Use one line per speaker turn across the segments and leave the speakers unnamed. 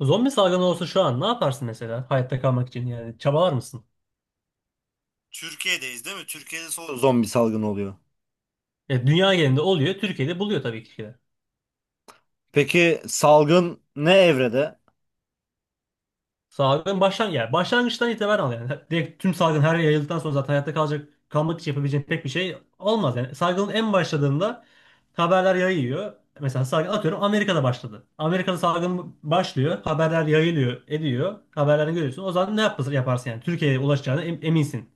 Zombi salgını olsa şu an ne yaparsın mesela hayatta kalmak için yani çabalar mısın?
Türkiye'deyiz değil mi? Türkiye'de son zombi salgını oluyor.
Ya dünya genelinde oluyor, Türkiye'de buluyor tabii ki de.
Peki salgın ne evrede?
Salgın yani başlangıçtan itibaren al yani. Direkt tüm salgın her yere yayıldıktan sonra zaten hayatta kalmak için yapabileceğin pek bir şey olmaz yani. Salgının en başladığında haberler yayıyor. Mesela salgın atıyorum Amerika'da başladı. Amerika'da salgın başlıyor, haberler yayılıyor, ediyor. Haberlerini görüyorsun. O zaman ne yaparsın yani? Türkiye'ye ulaşacağına eminsin.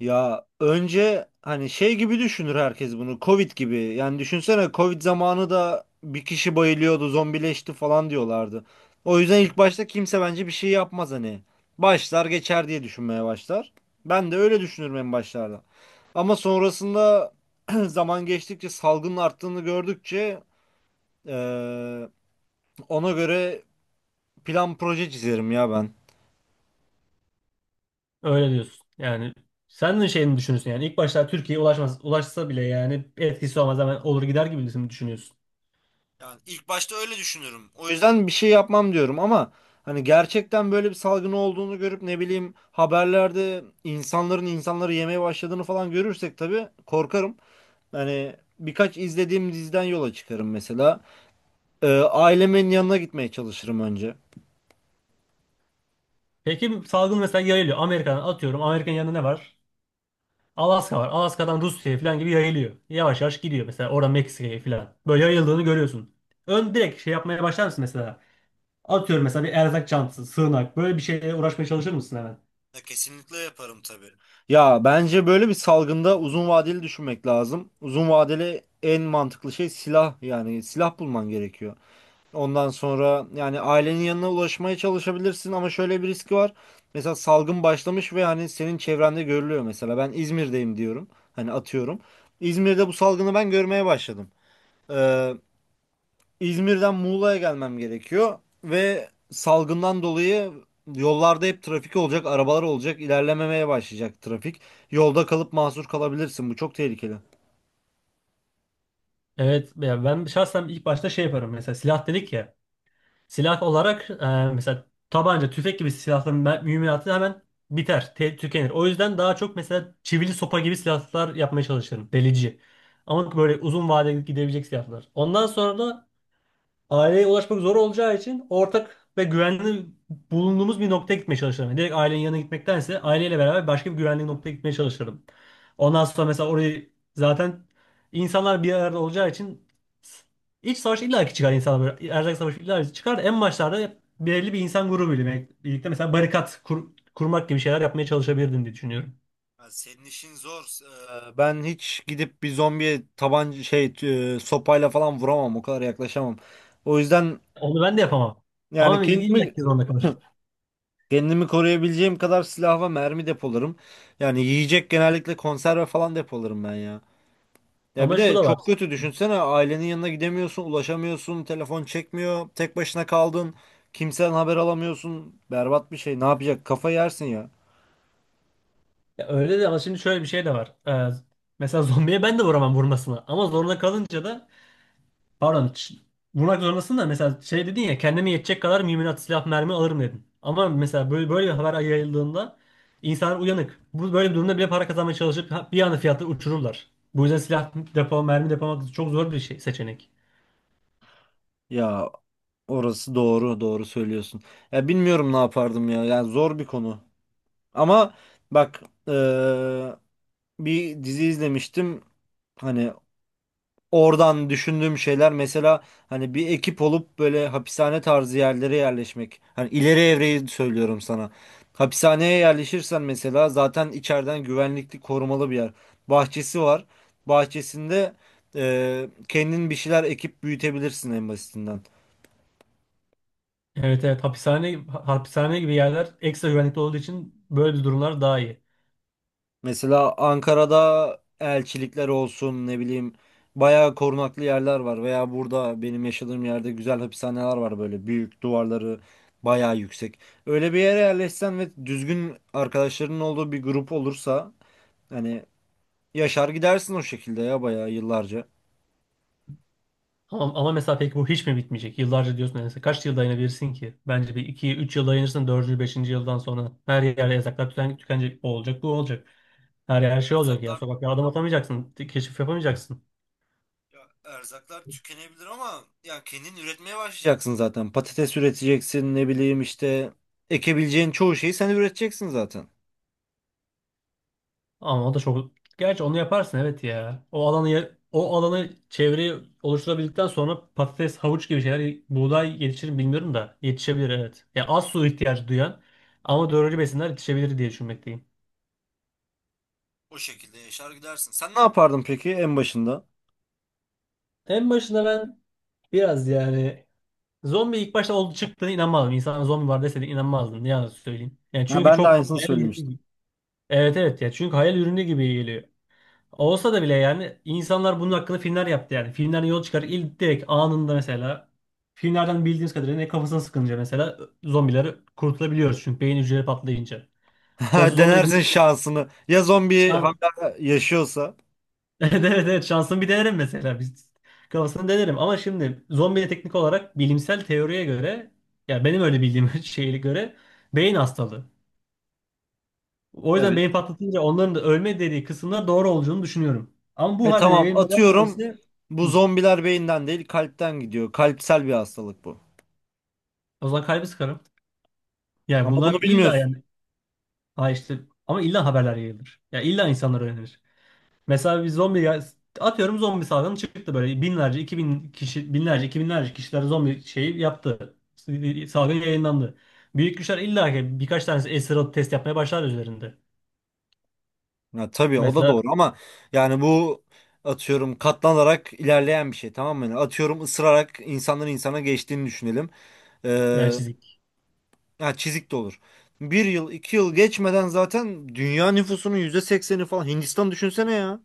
Ya önce hani şey gibi düşünür herkes bunu. Covid gibi. Yani düşünsene Covid zamanı da bir kişi bayılıyordu, zombileşti falan diyorlardı. O yüzden ilk başta kimse bence bir şey yapmaz hani. Başlar geçer diye düşünmeye başlar. Ben de öyle düşünürüm en başlarda. Ama sonrasında zaman geçtikçe salgının arttığını gördükçe eee, ona göre plan proje çizerim ya ben.
Öyle diyorsun. Yani sen de şeyini düşünüyorsun yani ilk başta Türkiye'ye ulaşmaz, ulaşsa bile yani etkisi olmaz, hemen olur gider gibi mi düşünüyorsun?
Yani ilk başta öyle düşünüyorum. O yüzden bir şey yapmam diyorum ama hani gerçekten böyle bir salgın olduğunu görüp ne bileyim haberlerde insanların insanları yemeye başladığını falan görürsek tabii korkarım. Hani birkaç izlediğim diziden yola çıkarım mesela. Ailemin yanına gitmeye çalışırım önce.
Peki salgın mesela yayılıyor. Amerika'dan atıyorum. Amerika'nın yanında ne var? Alaska var. Alaska'dan Rusya'ya falan gibi yayılıyor. Yavaş yavaş gidiyor mesela oradan Meksika'ya falan. Böyle yayıldığını görüyorsun. Ön direkt şey yapmaya başlar mısın mesela? Atıyorum mesela bir erzak çantası, sığınak, böyle bir şeyle uğraşmaya çalışır mısın hemen?
Ya kesinlikle yaparım tabii. Ya bence böyle bir salgında uzun vadeli düşünmek lazım. Uzun vadeli en mantıklı şey silah yani silah bulman gerekiyor. Ondan sonra yani ailenin yanına ulaşmaya çalışabilirsin ama şöyle bir riski var. Mesela salgın başlamış ve hani senin çevrende görülüyor mesela. Ben İzmir'deyim diyorum. Hani atıyorum. İzmir'de bu salgını ben görmeye başladım. Ee, İzmir'den Muğla'ya gelmem gerekiyor ve salgından dolayı yollarda hep trafik olacak, arabalar olacak, ilerlememeye başlayacak trafik. Yolda kalıp mahsur kalabilirsin. Bu çok tehlikeli.
Evet ya, ben şahsen ilk başta şey yaparım, mesela silah dedik ya. Silah olarak mesela tabanca, tüfek gibi silahların mühimmatı hemen biter, tükenir. O yüzden daha çok mesela çivili sopa gibi silahlar yapmaya çalışırım. Delici. Ama böyle uzun vadeli gidebilecek silahlar. Ondan sonra da aileye ulaşmak zor olacağı için ortak ve güvenli bulunduğumuz bir noktaya gitmeye çalışırım. Yani direkt ailenin yanına gitmektense aileyle beraber başka bir güvenli noktaya gitmeye çalışırım. Ondan sonra mesela orayı zaten insanlar bir arada olacağı için iç savaş illaki çıkar insanlar böyle. Erzak savaşı illaki çıkar. En başlarda hep belirli bir insan grubuyla birlikte mesela barikat kurmak gibi şeyler yapmaya çalışabilirdim diye düşünüyorum.
Ya senin işin zor. Ben hiç gidip bir zombiye tabanca şey sopayla falan vuramam. O kadar yaklaşamam. O yüzden
Onu ben de yapamam.
yani
Ama
kendimi
illaki zorunda kalırım.
kendimi koruyabileceğim kadar silah ve mermi depolarım. Yani yiyecek genellikle konserve falan depolarım ben ya. Ya bir
Ama şu
de
da var.
çok kötü düşünsene ailenin yanına gidemiyorsun, ulaşamıyorsun, telefon çekmiyor, tek başına kaldın, kimseden haber alamıyorsun. Berbat bir şey. Ne yapacak? Kafa yersin ya.
Ya öyle de, ama şimdi şöyle bir şey de var. Mesela zombiye ben de vuramam vurmasına. Ama zorunda kalınca da, pardon, vurmak zorundasın da. Mesela şey dedin ya, kendime yetecek kadar mühimmat, silah, mermi alırım dedin. Ama mesela böyle bir haber yayıldığında insanlar uyanık. Bu böyle bir durumda bile para kazanmaya çalışıp bir anda fiyatları uçururlar. Bu yüzden silah mermi depolamak çok zor bir şey, seçenek.
Ya orası doğru, doğru söylüyorsun. Ya bilmiyorum ne yapardım ya. Yani zor bir konu. Ama bak eee, bir dizi izlemiştim. Hani oradan düşündüğüm şeyler mesela hani bir ekip olup böyle hapishane tarzı yerlere yerleşmek. Hani ileri evreyi söylüyorum sana. Hapishaneye yerleşirsen mesela zaten içeriden güvenlikli korumalı bir yer. Bahçesi var. Bahçesinde kendin bir şeyler ekip büyütebilirsin en basitinden.
Evet, evet, hapishane gibi yerler ekstra güvenlikli olduğu için böyle bir durumlar daha iyi.
Mesela Ankara'da elçilikler olsun ne bileyim bayağı korunaklı yerler var veya burada benim yaşadığım yerde güzel hapishaneler var böyle büyük duvarları bayağı yüksek. Öyle bir yere yerleşsen ve düzgün arkadaşlarının olduğu bir grup olursa hani yaşar gidersin o şekilde ya bayağı yıllarca.
Ama mesela peki bu hiç mi bitmeyecek? Yıllarca diyorsun, yani kaç yıl dayanabilirsin ki? Bence bir iki üç yıl dayanırsın, dördüncü beşinci yıldan sonra her yerde yasaklar tükenecek. O olacak, bu olacak. Her yer, her şey olacak ya.
Erzaklar,
Sokaklara adım atamayacaksın. Keşif yapamayacaksın.
ya erzaklar tükenebilir ama ya kendin üretmeye başlayacaksın zaten. Patates üreteceksin ne bileyim işte ekebileceğin çoğu şeyi sen üreteceksin zaten.
Ama o da çok... Gerçi onu yaparsın, evet ya. O alanı, o alanı, çevreyi oluşturabildikten sonra patates, havuç gibi şeyler, buğday yetişir mi bilmiyorum da, yetişebilir evet. Ya az su ihtiyacı duyan ama doğru besinler yetişebilir diye düşünmekteyim.
O şekilde yaşar gidersin. Sen ne yapardın peki en başında?
En başında ben biraz yani, zombi ilk başta oldu, çıktığına inanmadım. İnsanlara zombi var deseydin inanmazdım. Ne yalan söyleyeyim. Yani
Ha,
çünkü
ben de
çok
aynısını
hayal ürünü
söylemiştim.
gibi. Evet, evet ya, çünkü hayal ürünü gibi geliyor. Olsa da bile yani insanlar bunun hakkında filmler yaptı yani. Filmlerden yol çıkar ilk direkt anında, mesela filmlerden bildiğiniz kadarıyla, ne, kafasına sıkınca mesela zombileri kurtulabiliyoruz çünkü beyin hücreleri patlayınca. Sonuçta zombi de
Denersin
bir
şansını. Ya zombi
şans.
hala yaşıyorsa.
Evet, evet, evet, şansımı bir denerim mesela. Biz kafasını denerim, ama şimdi zombiye teknik olarak bilimsel teoriye göre, ya benim öyle bildiğim şeye göre, beyin hastalığı. O
Evet.
yüzden beyin patlatınca onların da ölme dediği kısımlar doğru olduğunu düşünüyorum. Ama bu
E
halde de
tamam
yayılmadan
atıyorum.
böylesi
Bu
hı,
zombiler beyinden değil kalpten gidiyor. Kalpsel bir hastalık bu.
o zaman kalbi sıkarım. Yani
Ama bunu
bunlar illa
bilmiyorsun.
yani, ha işte, ama illa haberler yayılır. Ya illa insanlar öğrenir. Mesela bir zombi atıyorum zombi salgını çıktı, böyle binlerce, 2.000 kişi, binlerce, iki binlerce kişiler zombi şeyi yaptı. Salgın yayınlandı. Büyük güçler illa ki birkaç tanesi esir alıp test yapmaya başlar üzerinde.
Ya, tabii o da
Mesela,
doğru ama yani bu atıyorum katlanarak ilerleyen bir şey, tamam mı? Yani atıyorum ısırarak insandan insana geçtiğini düşünelim.
veya
Ee,
çizik.
Ha, çizik de olur. Bir yıl, 2 yıl geçmeden zaten dünya nüfusunun %80'i falan. Hindistan düşünsene ya.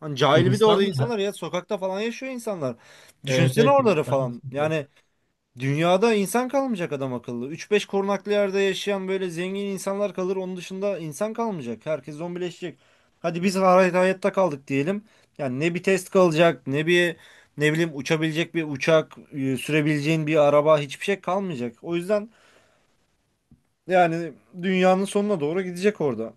Hani cahil bir de orada
Hindistan'da,
insanlar ya. Sokakta falan yaşıyor insanlar.
evet
Düşünsene
evet,
oraları
Hindistan çok
falan.
sıkıntı.
Yani dünyada insan kalmayacak adam akıllı. Üç beş korunaklı yerde yaşayan böyle zengin insanlar kalır. Onun dışında insan kalmayacak. Herkes zombileşecek. Hadi biz hayatta kaldık diyelim. Yani ne bir test kalacak, ne bir ne bileyim uçabilecek bir uçak, sürebileceğin bir araba, hiçbir şey kalmayacak. O yüzden yani dünyanın sonuna doğru gidecek orada.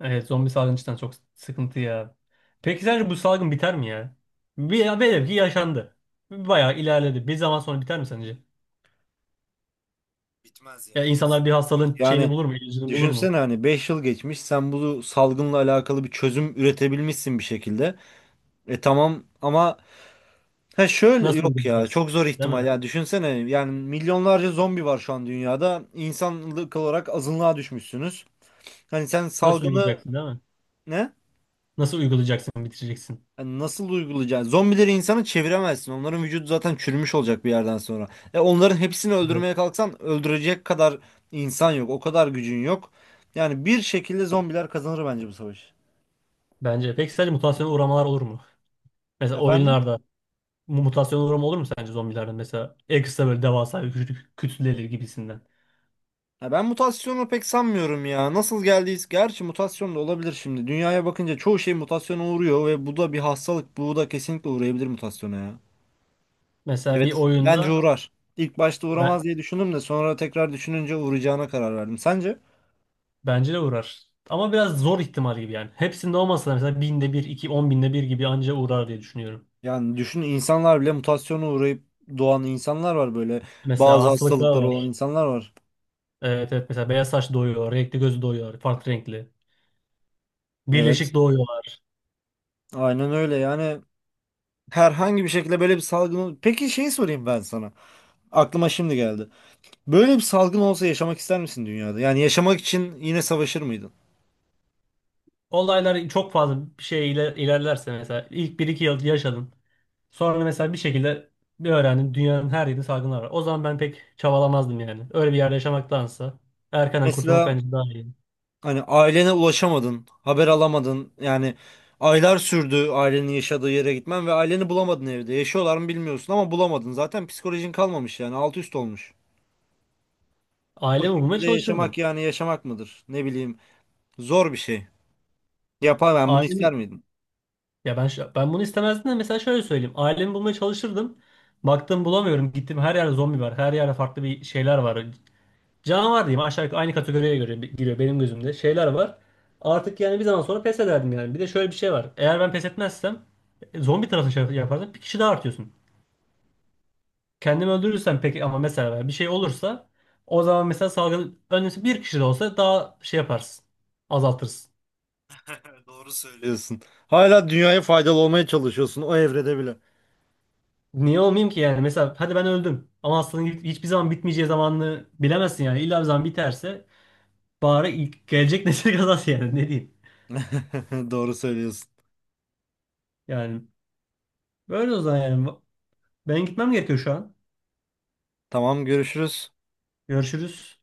Evet, zombi salgını cidden çok sıkıntı ya. Peki sence bu salgın biter mi ya? Bir, velev ki yaşandı. Bayağı ilerledi. Bir zaman sonra biter mi sence?
Bitmez
Ya
ya.
insanlar bir hastalığın şeyini
Yani
bulur mu, ilacını bulur
düşünsene
mu?
hani 5 yıl geçmiş, sen bu salgınla alakalı bir çözüm üretebilmişsin bir şekilde. E tamam ama ha şöyle
Nasıl
yok, ya
uygulayacaksın?
çok zor
Değil
ihtimal
mi?
ya, düşünsene yani milyonlarca zombi var şu an dünyada. İnsanlık olarak azınlığa düşmüşsünüz. Hani sen
Nasıl
salgını,
uygulayacaksın değil mi?
ne?
Nasıl uygulayacaksın, bitireceksin?
Hani nasıl uygulayacaksın? Zombileri insana çeviremezsin. Onların vücudu zaten çürümüş olacak bir yerden sonra. E onların hepsini
Evet.
öldürmeye kalksan öldürecek kadar insan yok. O kadar gücün yok. Yani bir şekilde zombiler kazanır bence bu savaşı.
Bence. Peki sence mutasyona uğramalar olur mu? Mesela
Efendim?
oyunlarda mutasyona uğrama olur mu sence zombilerde? Mesela ekstra böyle devasa bir küçük kütleleri gibisinden.
Ya ben mutasyonu pek sanmıyorum ya. Nasıl geldiyiz? Gerçi mutasyon da olabilir şimdi. Dünyaya bakınca çoğu şey mutasyona uğruyor ve bu da bir hastalık. Bu da kesinlikle uğrayabilir mutasyona ya.
Mesela bir
Evet, bence
oyunda
uğrar. İlk başta
ben,
uğramaz diye düşündüm de sonra tekrar düşününce uğrayacağına karar verdim. Sence?
bence de uğrar. Ama biraz zor ihtimal gibi yani. Hepsinde olmasa da mesela binde bir, iki, on binde bir gibi anca uğrar diye düşünüyorum.
Yani düşün, insanlar bile mutasyona uğrayıp doğan insanlar var böyle.
Mesela
Bazı
hastalıklar
hastalıkları olan
var.
insanlar var.
Evet, evet, mesela beyaz saç doğuyor, renkli gözü doğuyor, farklı renkli.
Evet.
Birleşik doğuyor.
Aynen öyle yani herhangi bir şekilde böyle bir salgın... Peki şeyi sorayım ben sana. Aklıma şimdi geldi. Böyle bir salgın olsa yaşamak ister misin dünyada? Yani yaşamak için yine savaşır mıydın?
Olaylar çok fazla bir şey ilerlerse, mesela ilk bir iki yıl yaşadın. Sonra mesela bir şekilde bir öğrendin dünyanın her yerinde salgınlar var. O zaman ben pek çabalamazdım yani. Öyle bir yerde yaşamaktansa erkenden kurtulmak
Mesela
bence daha iyi.
hani ailene ulaşamadın, haber alamadın. Yani aylar sürdü ailenin yaşadığı yere gitmen ve aileni bulamadın evde. Yaşıyorlar mı bilmiyorsun ama bulamadın. Zaten psikolojin kalmamış yani alt üst olmuş. O
Ailemi bulmaya
şekilde
çalışırdım.
yaşamak yani yaşamak mıdır? Ne bileyim zor bir şey. Yapar ben bunu
Ailemi,
ister miydim?
ya ben ben bunu istemezdim de, mesela şöyle söyleyeyim. Ailemi bulmaya çalışırdım. Baktım bulamıyorum. Gittim her yerde zombi var. Her yerde farklı bir şeyler var. Canavar diyeyim, aşağı yukarı aynı kategoriye göre giriyor benim gözümde. Şeyler var. Artık yani bir zaman sonra pes ederdim yani. Bir de şöyle bir şey var. Eğer ben pes etmezsem zombi tarafı şey yapardım. Bir kişi daha artıyorsun. Kendimi öldürürsem peki, ama mesela bir şey olursa o zaman mesela salgın önlemesi bir kişi de olsa daha şey yaparsın. Azaltırsın.
Doğru söylüyorsun. Hala dünyaya faydalı olmaya çalışıyorsun o evrede bile.
Niye olmayayım ki yani? Mesela hadi ben öldüm. Ama aslında hiçbir zaman bitmeyeceği zamanını bilemezsin yani. İlla bir zaman biterse bari ilk gelecek nesil kazansın yani, ne diyeyim.
Doğru söylüyorsun.
Yani böyle o zaman yani. Ben gitmem gerekiyor şu an.
Tamam görüşürüz.
Görüşürüz.